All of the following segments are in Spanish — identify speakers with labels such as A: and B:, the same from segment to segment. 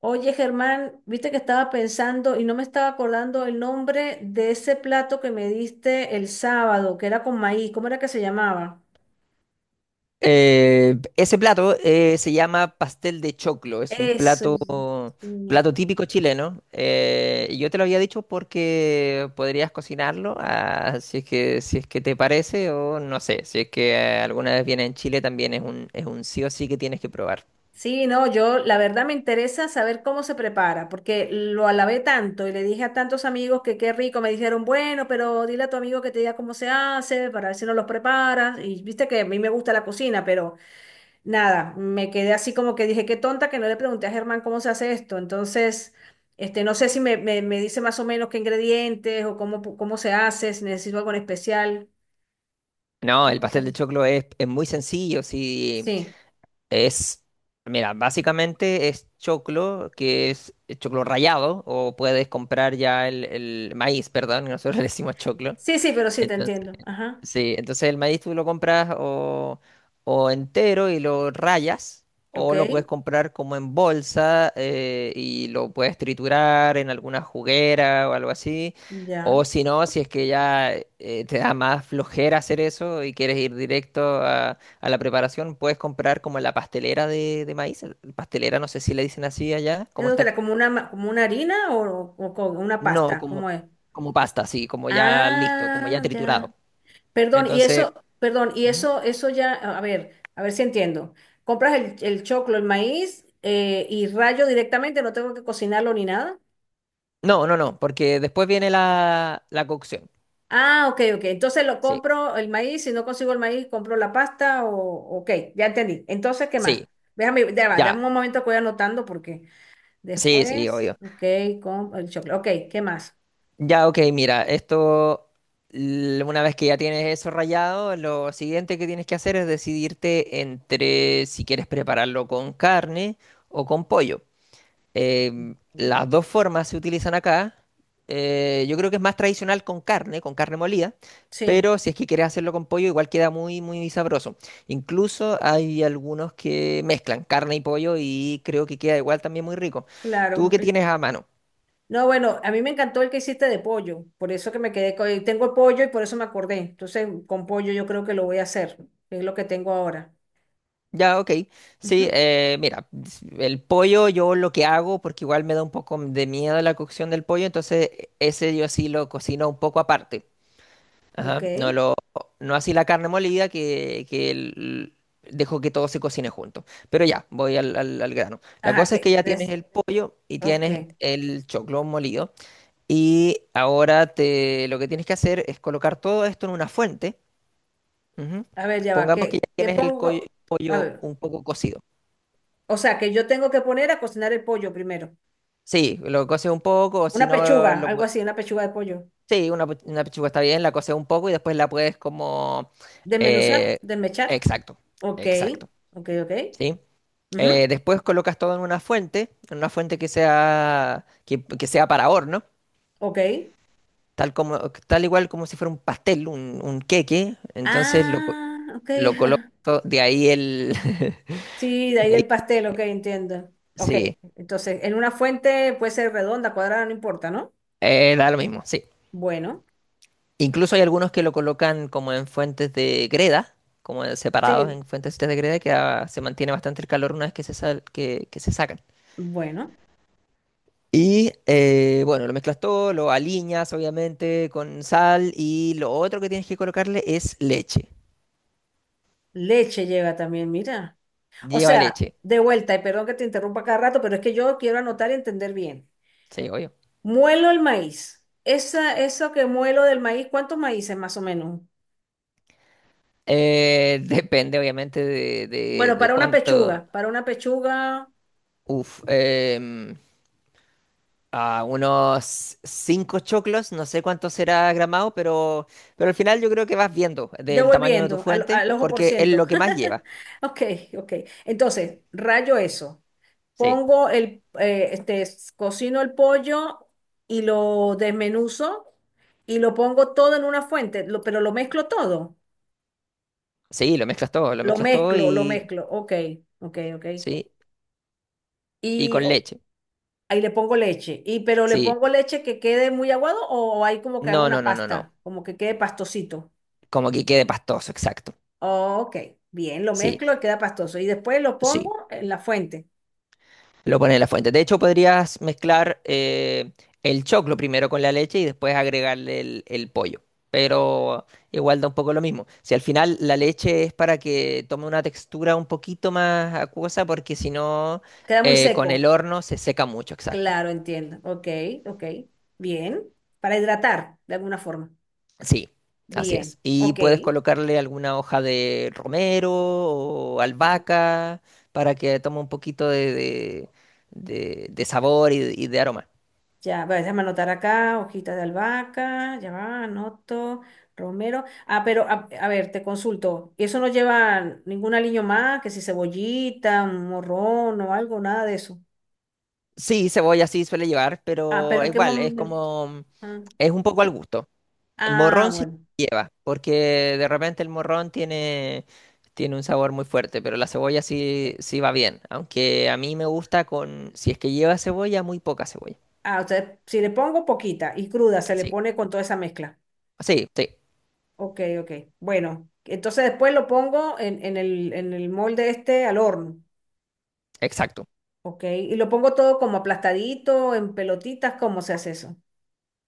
A: Oye, Germán, viste que estaba pensando y no me estaba acordando el nombre de ese plato que me diste el sábado, que era con maíz. ¿Cómo era que se llamaba?
B: Ese plato se llama pastel de choclo, es un
A: Eso.
B: plato,
A: Sí,
B: plato típico chileno. Y yo te lo había dicho porque podrías cocinarlo, ah, si es que te parece o no sé, si es que alguna vez viene en Chile también es un sí o sí que tienes que probar.
A: sí, no, yo la verdad me interesa saber cómo se prepara, porque lo alabé tanto y le dije a tantos amigos que qué rico. Me dijeron, bueno, pero dile a tu amigo que te diga cómo se hace para ver si nos los preparas. Y viste que a mí me gusta la cocina, pero nada, me quedé así como que dije, qué tonta que no le pregunté a Germán cómo se hace esto. Entonces, no sé si me dice más o menos qué ingredientes o cómo, cómo se hace, si necesito algo en especial.
B: No, el
A: ¿Cómo
B: pastel de
A: sería?
B: choclo es muy sencillo, sí,
A: Sí,
B: es, mira, básicamente es choclo, que es choclo rallado, o puedes comprar ya el maíz, perdón, nosotros le decimos choclo.
A: sí, sí, pero sí, te
B: Entonces,
A: entiendo. Ajá,
B: sí, entonces el maíz tú lo compras o entero y lo rayas,
A: ok,
B: o lo puedes comprar como en bolsa y lo puedes triturar en alguna juguera o algo así.
A: ya.
B: O si no, si es que ya te da más flojera hacer eso y quieres ir directo a la preparación, puedes comprar como la pastelera de maíz. Pastelera, no sé si le dicen así allá, como
A: ¿Eso que
B: está.
A: era como una, como una harina o con una
B: No,
A: pasta? ¿Cómo
B: como,
A: es?
B: como pasta, sí, como ya listo, como ya
A: Ah, ya.
B: triturado. Entonces.
A: Perdón, y eso ya, a ver si entiendo. Compras el choclo, el maíz, y rayo directamente, no tengo que cocinarlo ni nada.
B: No, no, no, porque después viene la cocción.
A: Ah, ok, ok. Entonces lo
B: Sí,
A: compro el maíz, si no consigo el maíz, compro la pasta ok, ya entendí. Entonces, ¿qué más?
B: sí,
A: Déjame, ya va,
B: ya.
A: dame un momento que voy anotando porque
B: Sí, sí,
A: después,
B: obvio.
A: ok, con el choclo. Ok, ¿qué más?
B: Ya, ok, mira, una vez que ya tienes eso rayado, lo siguiente que tienes que hacer es decidirte entre si quieres prepararlo con carne o con pollo. Em,
A: Ujú.
B: las dos formas se utilizan acá. Yo creo que es más tradicional con carne molida,
A: Sí,
B: pero si es que quieres hacerlo con pollo, igual queda muy, muy sabroso. Incluso hay algunos que mezclan carne y pollo y creo que queda igual también muy rico. ¿Tú
A: claro.
B: qué tienes a mano?
A: No, bueno, a mí me encantó el que hiciste de pollo, por eso que me quedé con. Tengo pollo y por eso me acordé. Entonces, con pollo yo creo que lo voy a hacer, es lo que tengo ahora.
B: Ya, ok. Sí,
A: Ujú,
B: mira, el pollo yo lo que hago, porque igual me da un poco de miedo la cocción del pollo, entonces ese yo sí lo cocino un poco aparte.
A: ok.
B: Ajá. No así la carne molida que dejo que todo se cocine junto. Pero ya, voy al grano. La
A: Ajá,
B: cosa es
A: que
B: que ya tienes
A: es.
B: el pollo y
A: Ok.
B: tienes el choclo molido. Y ahora lo que tienes que hacer es colocar todo esto en una fuente. Ujú.
A: A ver, ya va,
B: Pongamos que
A: ¿qué,
B: ya
A: qué
B: tienes el
A: pongo? A
B: pollo
A: ver,
B: un poco cocido.
A: o sea, que yo tengo que poner a cocinar el pollo primero.
B: Sí, lo coces un poco, o si
A: Una
B: no,
A: pechuga, algo así, una pechuga de pollo.
B: sí, una pechuga está bien, la coces un poco y después la puedes como.
A: Desmenuzar,
B: eh,
A: desmechar.
B: exacto,
A: Ok,
B: exacto.
A: ok, ok.
B: ¿Sí?
A: Ujú,
B: Después colocas todo en una fuente, que sea, que sea para horno,
A: ok.
B: tal como, tal igual como si fuera un pastel, un queque. Entonces lo, co-
A: Ah, ok.
B: lo colocas todo.
A: Sí, de ahí del pastel, ok, entiendo. Ok,
B: Sí,
A: entonces, en una fuente puede ser redonda, cuadrada, no importa, ¿no?
B: da lo mismo, sí.
A: Bueno,
B: Incluso hay algunos que lo colocan como en fuentes de greda, como separados
A: sí,
B: en fuentes de greda, que se mantiene bastante el calor una vez que que se sacan.
A: bueno.
B: Y bueno, lo mezclas todo, lo aliñas obviamente con sal y lo otro que tienes que colocarle es leche.
A: Leche lleva también, mira. O
B: Lleva
A: sea,
B: leche,
A: de vuelta, y perdón que te interrumpa cada rato, pero es que yo quiero anotar y entender bien.
B: sí, obvio.
A: Muelo el maíz. Eso que muelo del maíz, ¿cuántos maíces más o menos?
B: Depende obviamente de, de-
A: Bueno,
B: de cuánto.
A: para una pechuga,
B: Uf, a unos cinco choclos, no sé cuánto será gramado, pero al final yo creo que vas viendo
A: yo
B: del
A: voy
B: tamaño de tu
A: viendo al,
B: fuente
A: al ojo por
B: porque es
A: ciento.
B: lo que más lleva.
A: Ok, ok. Entonces, rayo eso.
B: Sí,
A: Pongo cocino el pollo y lo desmenuzo y lo pongo todo en una fuente, pero lo mezclo todo.
B: sí, lo mezclas todo, lo
A: Lo
B: mezclas todo
A: mezclo, lo
B: y...
A: mezclo. Ok, ok, ok.
B: Sí, y
A: Y
B: con
A: o-
B: leche,
A: ahí le pongo leche. Y pero le
B: sí.
A: pongo leche que quede muy aguado o hay como que haga
B: No,
A: una
B: no, no, no, no.
A: pasta, como que quede pastosito.
B: Como que quede pastoso, exacto.
A: Ok, bien, lo
B: Sí,
A: mezclo y queda pastoso. Y después lo
B: sí.
A: pongo en la fuente.
B: Lo pones en la fuente. De hecho, podrías mezclar el choclo primero con la leche y después agregarle el pollo. Pero igual da un poco lo mismo. Si al final la leche es para que tome una textura un poquito más acuosa, porque si no,
A: Queda muy
B: con
A: seco.
B: el horno se seca mucho, exacto.
A: Claro, entiendo. Ok, ok. Bien. Para hidratar de alguna forma.
B: Sí, así
A: Bien,
B: es. Y
A: ok.
B: puedes colocarle alguna hoja de romero o
A: Ya.
B: albahaca para que tome un poquito de sabor y de aroma.
A: Ya, voy a déjame anotar acá, hojitas de albahaca, ya va, anoto, romero. Ah, pero a ver, te consulto, ¿eso no lleva ningún aliño más, que si cebollita, un morrón o algo, nada de eso?
B: Sí, cebolla sí suele llevar,
A: Ah, pero
B: pero
A: ¿en qué
B: igual,
A: momento? Ah,
B: es un poco al gusto.
A: ah,
B: Morrón sí
A: bueno.
B: lleva, porque de repente el morrón tiene un sabor muy fuerte, pero la cebolla sí, sí va bien. Aunque a mí me gusta si es que lleva cebolla, muy poca cebolla.
A: Ah, o sea, si le pongo poquita y cruda, se le
B: Sí,
A: pone con toda esa mezcla.
B: sí, sí,
A: Ok, ok. Bueno, entonces después lo pongo en el molde este al horno.
B: exacto.
A: Ok, y lo pongo todo como aplastadito, en pelotitas, ¿cómo se hace eso?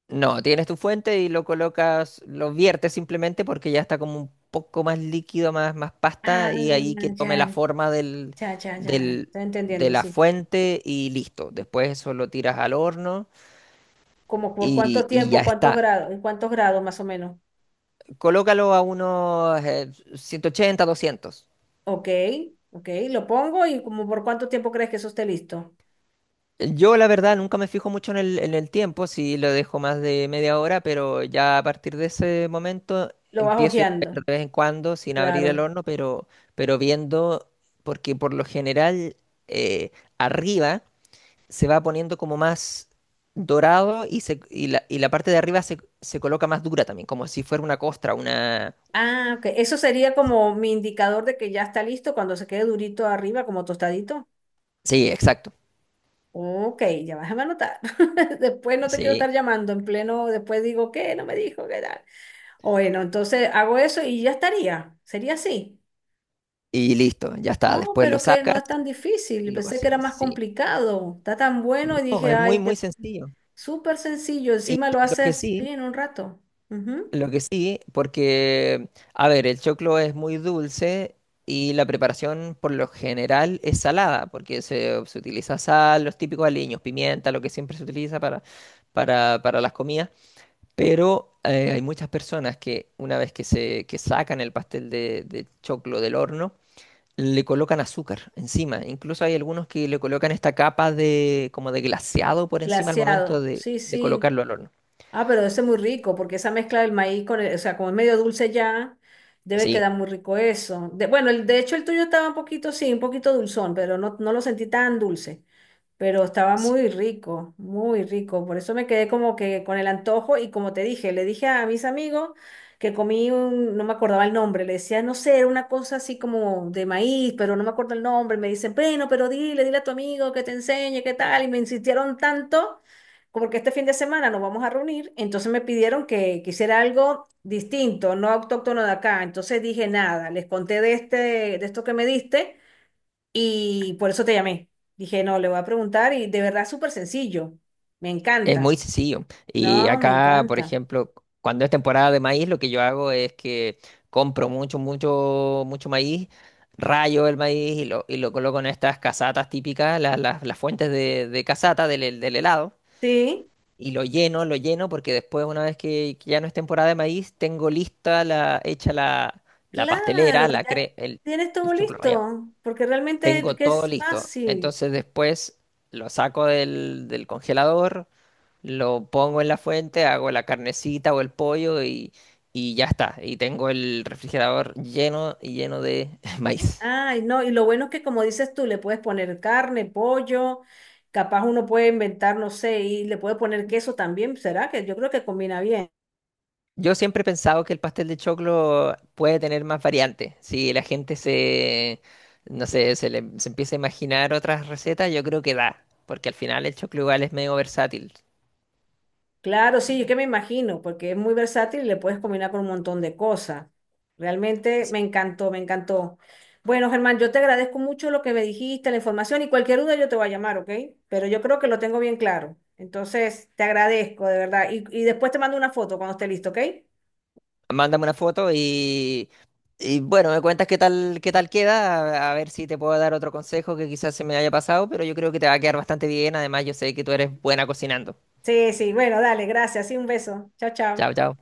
B: No, tienes tu fuente y lo colocas, lo viertes simplemente porque ya está como un poco más líquido, más
A: Ah,
B: pasta, y ahí que tome la
A: ya,
B: forma
A: ya, ya, ya,
B: del,
A: estoy
B: de
A: entendiendo,
B: la
A: sí.
B: fuente y listo. Después eso lo tiras al horno
A: Como por
B: y,
A: cuánto
B: y ya
A: tiempo, cuántos
B: está.
A: grados, en cuántos grados más o menos.
B: Colócalo a unos 180, 200.
A: Ok, ok, lo pongo y como por cuánto tiempo crees que eso esté listo.
B: Yo la verdad nunca me fijo mucho en en el tiempo, si lo dejo más de media hora, pero ya a partir de ese momento
A: Lo vas
B: empiezo a ir
A: hojeando,
B: de vez en cuando sin abrir el
A: claro.
B: horno, pero viendo, porque por lo general eh, arriba se va poniendo como más dorado y la parte de arriba se coloca más dura también, como si fuera una costra.
A: Ah, ok, eso sería como mi indicador de que ya está listo cuando se quede durito arriba, como tostadito.
B: Sí, exacto,
A: Ok, ya vas a anotar. Después no te quiero estar
B: sí.
A: llamando en pleno, después digo, ¿qué? No me dijo, ¿qué tal? Bueno, entonces hago eso y ya estaría. Sería así.
B: Y listo, ya está.
A: Oh,
B: Después lo
A: pero que no
B: sacas
A: es tan difícil.
B: y lo
A: Pensé que era
B: cocinas,
A: más
B: sí.
A: complicado. Está tan bueno y
B: No,
A: dije,
B: es muy,
A: ay,
B: muy
A: que
B: sencillo.
A: súper sencillo.
B: Y
A: Encima lo
B: lo que
A: haces, sí,
B: sí...
A: en un rato. Ujú.
B: Lo que sí, porque, a ver, el choclo es muy dulce y la preparación por lo general es salada, porque se utiliza sal, los típicos aliños, pimienta, lo que siempre se utiliza para las comidas. Pero hay muchas personas que una vez que sacan el pastel de choclo del horno, le colocan azúcar encima. Incluso hay algunos que le colocan esta capa como de glaseado por encima al momento
A: Glaseado.
B: de,
A: Sí,
B: de
A: sí.
B: colocarlo al horno.
A: Ah, pero ese es muy rico porque esa mezcla del maíz o sea, como es medio dulce ya, debe
B: Sí.
A: quedar muy rico eso. Bueno, de hecho el tuyo estaba un poquito, sí, un poquito dulzón, pero no lo sentí tan dulce. Pero estaba muy rico, muy rico. Por eso me quedé como que con el antojo y como te dije, le dije a mis amigos que comí no me acordaba el nombre, le decía, no sé, era una cosa así como de maíz, pero no me acuerdo el nombre. Me dicen, bueno, pero dile, dile a tu amigo que te enseñe, qué tal. Y me insistieron tanto. Como que este fin de semana nos vamos a reunir, entonces me pidieron que hiciera algo distinto, no autóctono de acá. Entonces dije nada, les conté de esto que me diste, y por eso te llamé. Dije, no, le voy a preguntar y de verdad es súper sencillo. Me
B: Es
A: encanta.
B: muy sencillo. Y
A: No, me
B: acá, por
A: encanta.
B: ejemplo, cuando es temporada de maíz, lo que yo hago es que compro mucho, mucho, mucho maíz, rayo el maíz y lo coloco en estas casatas típicas, las fuentes de casata del helado,
A: Sí,
B: y lo lleno, porque después, una vez que ya no es temporada de maíz, tengo lista hecha la
A: claro,
B: pastelera, la
A: ya
B: cre- el,
A: tienes todo
B: el choclo rallado.
A: listo, porque realmente
B: Tengo
A: que
B: todo
A: es
B: listo.
A: fácil.
B: Entonces después lo saco del congelador, lo pongo en la fuente, hago la carnecita o el pollo y ya está. Y tengo el refrigerador lleno y lleno de maíz.
A: Ay, no, y lo bueno es que como dices tú, le puedes poner carne, pollo, capaz uno puede inventar, no sé, y le puede poner queso también, ¿será? Que yo creo que combina.
B: Yo siempre he pensado que el pastel de choclo puede tener más variantes. Si la gente no sé, se empieza a imaginar otras recetas, yo creo que da. Porque al final el choclo igual es medio versátil.
A: Claro, sí, yo que me imagino, porque es muy versátil y le puedes combinar con un montón de cosas. Realmente me encantó, me encantó. Bueno, Germán, yo te agradezco mucho lo que me dijiste, la información y cualquier duda yo te voy a llamar, ¿ok? Pero yo creo que lo tengo bien claro. Entonces, te agradezco, de verdad. Y después te mando una foto cuando esté listo, ¿ok?
B: Mándame una foto y bueno, me cuentas qué tal queda, a ver si te puedo dar otro consejo que quizás se me haya pasado, pero yo creo que te va a quedar bastante bien. Además, yo sé que tú eres buena cocinando.
A: Sí, sí, bueno, dale, gracias. Sí, un beso. Chao, chao.
B: Chao, chao.